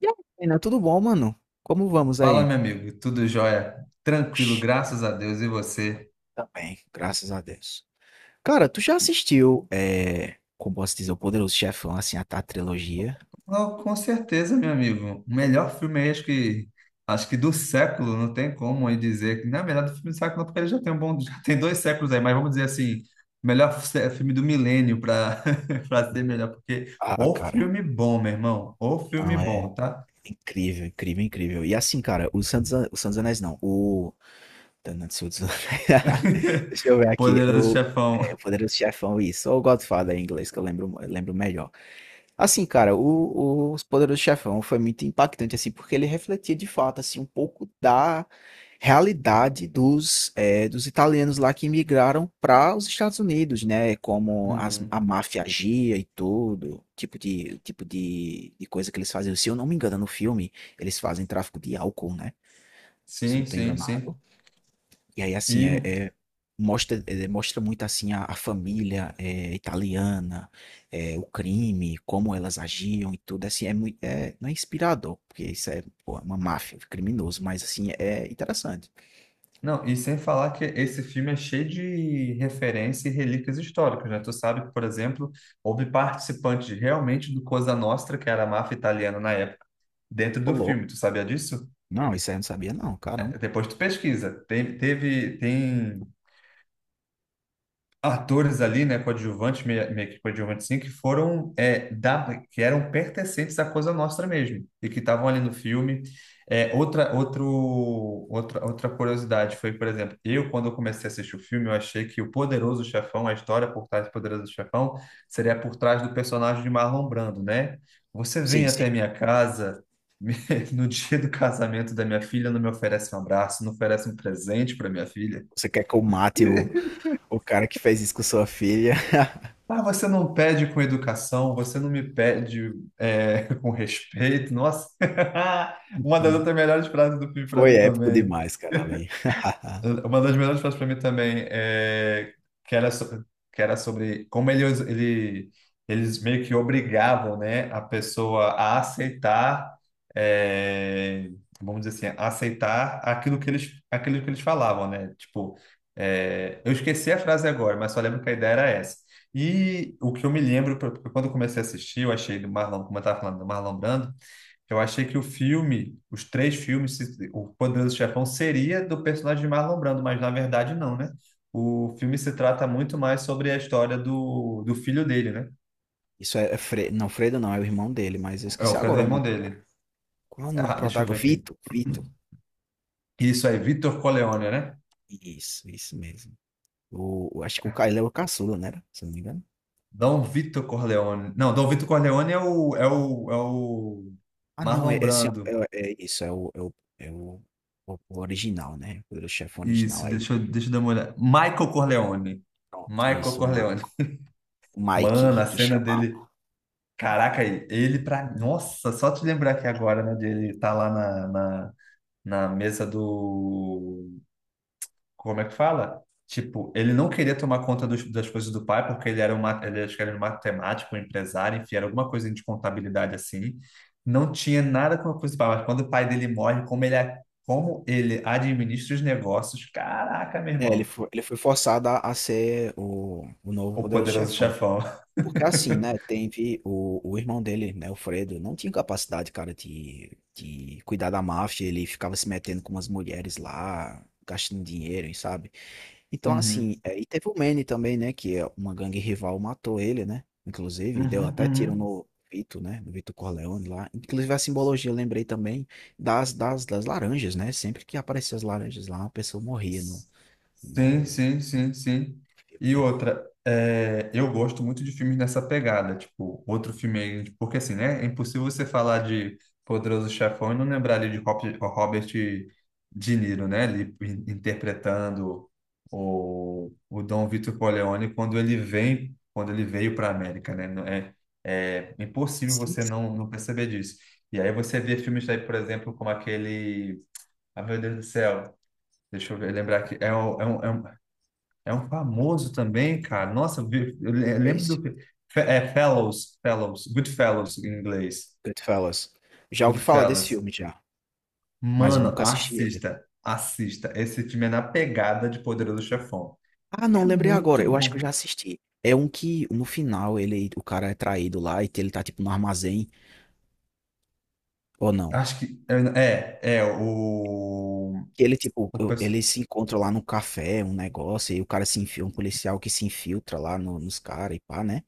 E aí, Karina, tudo bom, mano? Como vamos Fala, aí? meu amigo, tudo jóia? Tranquilo, Shhh, graças a Deus, e você? também, graças a Deus. Cara, tu já assistiu, como posso dizer, o Poderoso Chefão, assim, a trilogia? Oh, com certeza, meu amigo. O melhor filme aí, acho que do século. Não tem como aí dizer que, na verdade, o filme do século, não, porque ele já tem um bom, já tem dois séculos aí, mas vamos dizer assim, o melhor filme do milênio, para para ser melhor, porque Ah, o cara, filme bom, meu irmão, o filme não, é bom, tá? incrível, incrível, incrível. E assim, cara, o Santos Anéis não, o... Tanatsu dos Anéis. Deixa eu ver aqui, Poderoso o Chefão. Poderoso Chefão, isso, ou o Godfather em inglês, que eu lembro melhor. Assim, cara, o Poderoso Chefão foi muito impactante, assim, porque ele refletia de fato, assim, um pouco da realidade dos, dos italianos lá que migraram para os Estados Unidos, né? Como as, a Uhum. máfia agia e tudo, tipo de coisa que eles faziam. Se eu não me engano, no filme, eles fazem tráfico de álcool, né? Se eu não Sim, estou sim, enganado. sim. E aí, assim, E mostra, é, mostra muito, assim, a família é, italiana, é, o crime, como elas agiam e tudo, assim, é muito, é, não é inspirador, porque isso é, pô, é uma máfia, é criminoso, mas, assim, é interessante. não, e sem falar que esse filme é cheio de referência e relíquias históricas, né? Tu sabe que, por exemplo, houve participantes realmente do Cosa Nostra, que era a máfia italiana na época, dentro Ô, do filme. louco. Tu sabia disso? Não, isso aí eu não sabia, não, caramba. Depois tu pesquisa. Tem atores ali, né, coadjuvantes, meio que coadjuvantes sim, que foram, da, que eram pertencentes à Coisa Nostra mesmo, e que estavam ali no filme. É, outra, outro, outra curiosidade foi, por exemplo, eu, quando eu comecei a assistir o filme, eu achei que o Poderoso Chefão, a história por trás do Poderoso Chefão, seria por trás do personagem de Marlon Brando, né? Você vem Sim, sim. até minha casa... me- No dia do casamento da minha filha, não me oferece um abraço, não oferece um presente para minha filha. Você quer que eu mate o cara que fez isso com sua filha? Ah, você não pede com educação, você não me pede com respeito. Nossa, uma das outras melhores frases do filme para Foi mim épico também. demais, cara, ali. Uma das melhores frases para mim também é que era sobre, que era sobre como eles meio que obrigavam, né, a pessoa a aceitar, é, vamos dizer assim, aceitar aquilo que eles falavam, né? Tipo, eu esqueci a frase agora, mas só lembro que a ideia era essa. E o que eu me lembro, quando eu comecei a assistir, eu achei do Marlon, como eu estava falando, do Marlon Brando, eu achei que o filme, os três filmes, o Poderoso Chefão seria do personagem de Marlon Brando, mas na verdade não, né? O filme se trata muito mais sobre a história do, do filho dele, né? Isso é, é Fre... não, Fredo não, é o irmão dele, mas eu É o esqueci Alfredo, agora é o o nome, irmão cara. dele. Qual é o nome do Ah, deixa eu ver protagonista? aqui. Vito, Vito. Isso aí, Vitor Corleone, né? Isso mesmo. Acho que o Ca- é o caçula, né? Era? Se eu não me engano. Dom Vitor Corleone. Não, Dom Vitor Corleone é é o Ah, não, é, Marlon esse, Brando. é, é isso, é o, é o, é o original, né? O chefe original Isso, aí. Deixa eu dar uma olhada. Michael Corleone. Pronto, Michael isso, Corleone. o Mano, Mike, a que cena chamava. dele. Caraca, ele pra. Nossa, só te lembrar aqui agora, né? De ele tá lá na mesa do. Como é que fala? Tipo, ele não queria tomar conta das coisas do pai, porque ele era um, acho que era um matemático, um empresário, enfim, era alguma coisa de contabilidade assim. Não tinha nada com a coisa do pai, mas quando o pai dele morre, como ele administra os negócios, caraca, meu É, irmão, ele foi forçado a ser o novo o poderoso poderoso chefão. chefão. Porque assim, né? Teve o irmão dele, né? O Fredo, não tinha capacidade, cara, de cuidar da máfia. Ele ficava se metendo com umas mulheres lá, gastando dinheiro, e sabe? Então, assim, Uhum, é, e teve o Manny também, né? Que é uma gangue rival matou ele, né? Inclusive, e deu uhum, até tiro uhum. no Vito, né? No Vito Corleone lá. Inclusive, a simbologia, eu lembrei também das laranjas, né? Sempre que apareciam as laranjas lá, uma pessoa morria no, Sim, no sim, sim, sim. filme, E né? outra, eu gosto muito de filmes nessa pegada, tipo, outro filme aí, porque assim, né, é impossível você falar de Poderoso Chefão e não lembrar ali de Robert De Niro, né, ali interpretando o Dom Vito Corleone quando ele vem, quando ele veio para a América, né, não é, é impossível Sim, você sim. não, não perceber disso. E aí você vê filmes aí, por exemplo, como aquele, ah, meu Deus do céu, deixa eu ver, lembrar aqui. Um, é um famoso também, cara. Nossa, eu vi- eu le- eu É lembro isso. do. Goodfellas em inglês. Goodfellas. Já ouvi falar desse Goodfellas. filme, já. Mas eu Mano, nunca assisti ele. assista, assista. Esse time é na pegada de Poderoso Chefão. Ah, não, É lembrei agora. muito Eu acho que eu bom. já assisti. É um que no final ele, o cara é traído lá e ele tá tipo no armazém. Ou não? Acho que. O. Que ele, tipo, o pers- eles se encontram lá no café, um negócio, e o cara se enfia, um policial que se infiltra lá nos caras e pá, né?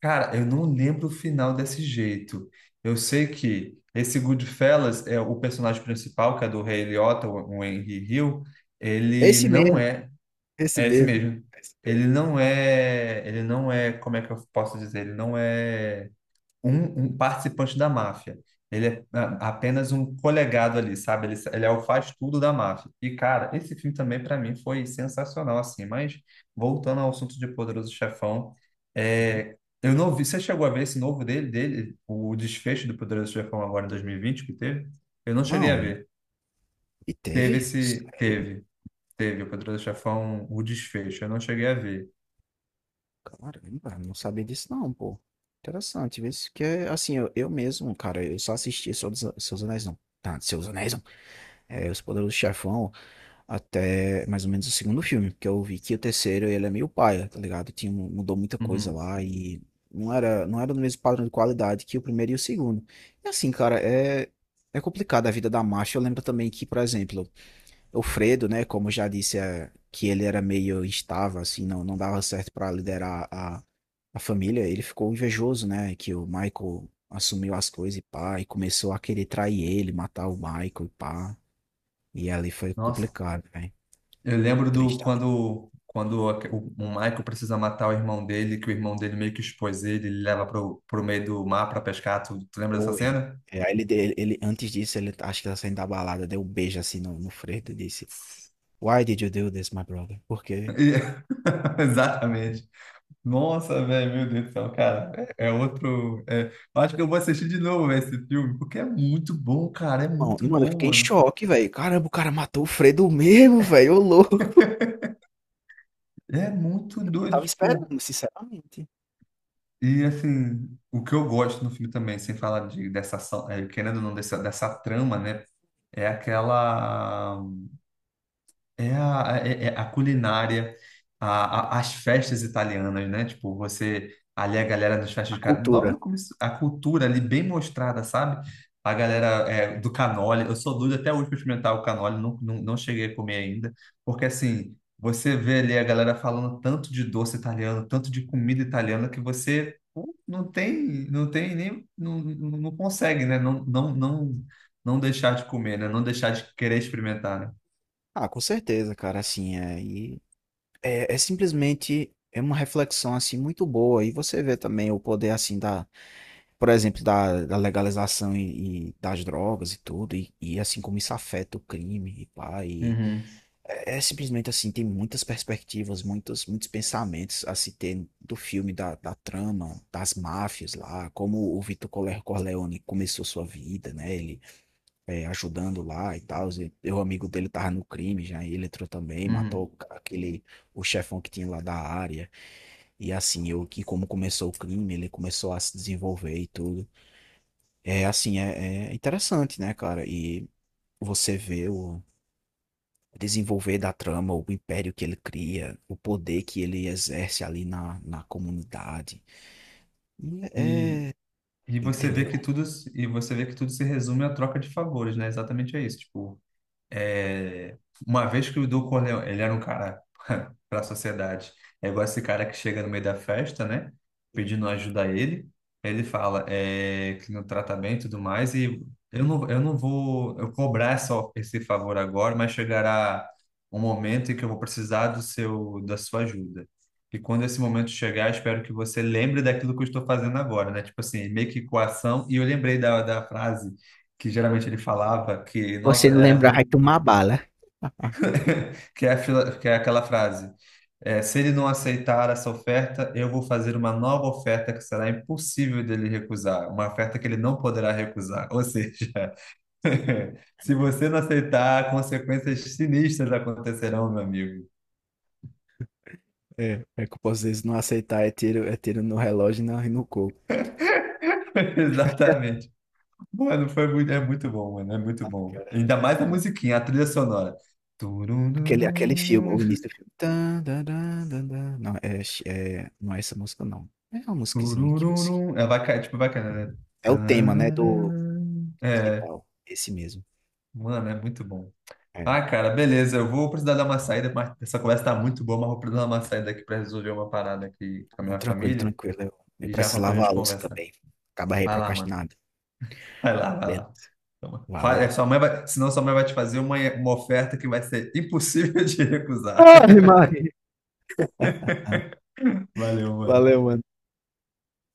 Cara, eu não lembro o final desse jeito. Eu sei que esse Goodfellas é o personagem principal, que é do Ray Liotta, o Henry Hill, ele Esse não mesmo, é, esse é esse mesmo. mesmo. Esse mesmo. Ele não é, como é que eu posso dizer? Ele não é um participante da máfia. Ele é apenas um colegado ali, sabe? Ele é o faz-tudo da máfia. E, cara, esse filme também, para mim, foi sensacional, assim. Mas, voltando ao assunto de Poderoso Chefão, Uhum. Eu não vi... Você chegou a ver esse novo dele, o desfecho do Poderoso Chefão agora em 2020 que teve? Eu não cheguei a Não, ver. e Teve teve? esse... Sério? Teve. Teve o Poderoso Chefão, o desfecho. Eu não cheguei a ver. Caramba, não sabia disso não, pô. Interessante, vê se que é assim, eu mesmo, cara, eu só assisti Seus Anéis não. Tá, Seus Anéis não. É, Os Poderosos Chefão, até mais ou menos o segundo filme, porque eu vi que o terceiro ele é meio paia, tá ligado? Tinha, mudou muita coisa Uhum. lá e não era, não era no mesmo padrão de qualidade que o primeiro e o segundo. E assim, cara, é, é complicado a vida da Marcia. Eu lembro também que, por exemplo, o Fredo, né, como eu já disse, é, que ele era meio instável, assim, não, não dava certo pra liderar a família, ele ficou invejoso, né, que o Michael assumiu as coisas e pá, e começou a querer trair ele, matar o Michael e pá. E ali foi Nossa, complicado, né? eu lembro Três do tá? quando, o Michael precisa matar o irmão dele, que o irmão dele meio que expôs ele, ele leva pro, pro meio do mar para pescar. Tu lembra dessa Foi. cena? É, aí ele, antes disso, ele acho que tá saindo da balada, deu um beijo assim no, no Freitas e disse: Why did you do this, my brother? Por quê? E- Exatamente. Nossa, velho, meu Deus do céu, cara. Eu acho que eu vou assistir de novo véio, esse filme, porque é muito bom, cara. É Bom, muito mano, eu bom, fiquei em mano. choque, velho. Caramba, o cara matou o Fredo mesmo, velho. Ô louco. É muito Eu não doido, tava tipo. esperando, sinceramente. E assim, o que eu gosto no filme também, sem falar de, dessa ação, é, querendo ou não, dessa, dessa trama, né? É aquela. É a culinária, as festas italianas, né? Tipo, você ali a galera nas festas A logo cultura. no começo, a cultura ali bem mostrada, sabe? A galera do canole, eu sou doido até hoje para experimentar o canole, não, não, não cheguei a comer ainda, porque assim, você vê ali a galera falando tanto de doce italiano, tanto de comida italiana, que você pô, não tem, não tem nem, não, não consegue, né? Não, não, não, não deixar de comer, né? Não deixar de querer experimentar, né? Ah, com certeza, cara, assim, é, e é, é simplesmente é uma reflexão, assim, muito boa, e você vê também o poder, assim, da, por exemplo, da legalização e das drogas e tudo, e, assim, como isso afeta o crime, e pá, e Uhum. é é simplesmente assim, tem muitas perspectivas, muitos, muitos pensamentos a se ter do filme, da, da trama, das máfias lá, como o Vito Corleone começou sua vida, né? Ele é, ajudando lá e tal. O amigo dele tava no crime já, e ele entrou também, matou Uhum. Aquele, o chefão que tinha lá da área. E assim, eu que como começou o crime, ele começou a se desenvolver e tudo. É assim, é, é interessante, né, cara? E você vê o desenvolver da trama, o império que ele cria, o poder que ele exerce ali na, na comunidade. E E, é, e você vê entendeu? que tudo se resume à troca de favores, né? Exatamente é isso. Tipo, É, uma vez que o Du Corleone, ele era um cara para a sociedade, é igual esse cara que chega no meio da festa, né? Pedindo ajuda a ele. Ele fala que no tratamento e tudo mais, e eu não vou eu cobrar essa, esse favor agora, mas chegará um momento em que eu vou precisar do seu, da sua ajuda. E quando esse momento chegar, espero que você lembre daquilo que eu estou fazendo agora, né? Tipo assim, meio que coação. E eu lembrei da frase que geralmente ele falava, que, Você nossa, não era lembrar, vai muito tomar bala. que é, que é aquela frase: é, se ele não aceitar essa oferta, eu vou fazer uma nova oferta que será impossível dele recusar, uma oferta que ele não poderá recusar. Ou seja, se você não aceitar, consequências sinistras acontecerão, meu amigo. É, é que às vezes não aceitar é tiro no relógio e no coco. Exatamente. Mano, foi muito, é muito bom, mano, é muito Ah, bom. cara, é- Ainda mais a não é. musiquinha, a trilha sonora. Aquele, aquele filme, Turururum, o início do filme. Tan, dan, dan, dan, dan. Não, é, é, não é essa música, não. É uma musiquinha que você. turururum. É, vai, tipo, vai caindo, né? É o tema, né, do Tararara. É, principal. Esse mesmo. mano, é muito bom. É. Ah, cara, beleza. Eu vou precisar dar uma saída, mas essa conversa tá muito boa, mas vou precisar dar uma saída aqui para resolver uma parada aqui com a Não, minha tranquilo, família tranquilo. Eu e já preciso volto pra lavar gente a louça conversar. também. Acaba aí Vai lá, mano. procrastinado. Vai lá, vai lá. Beleza. Toma. Valeu. Sua mãe vai, senão sua mãe vai te fazer uma oferta que vai ser impossível de recusar. Ai, Mari. Valeu, mano. Valeu, mano.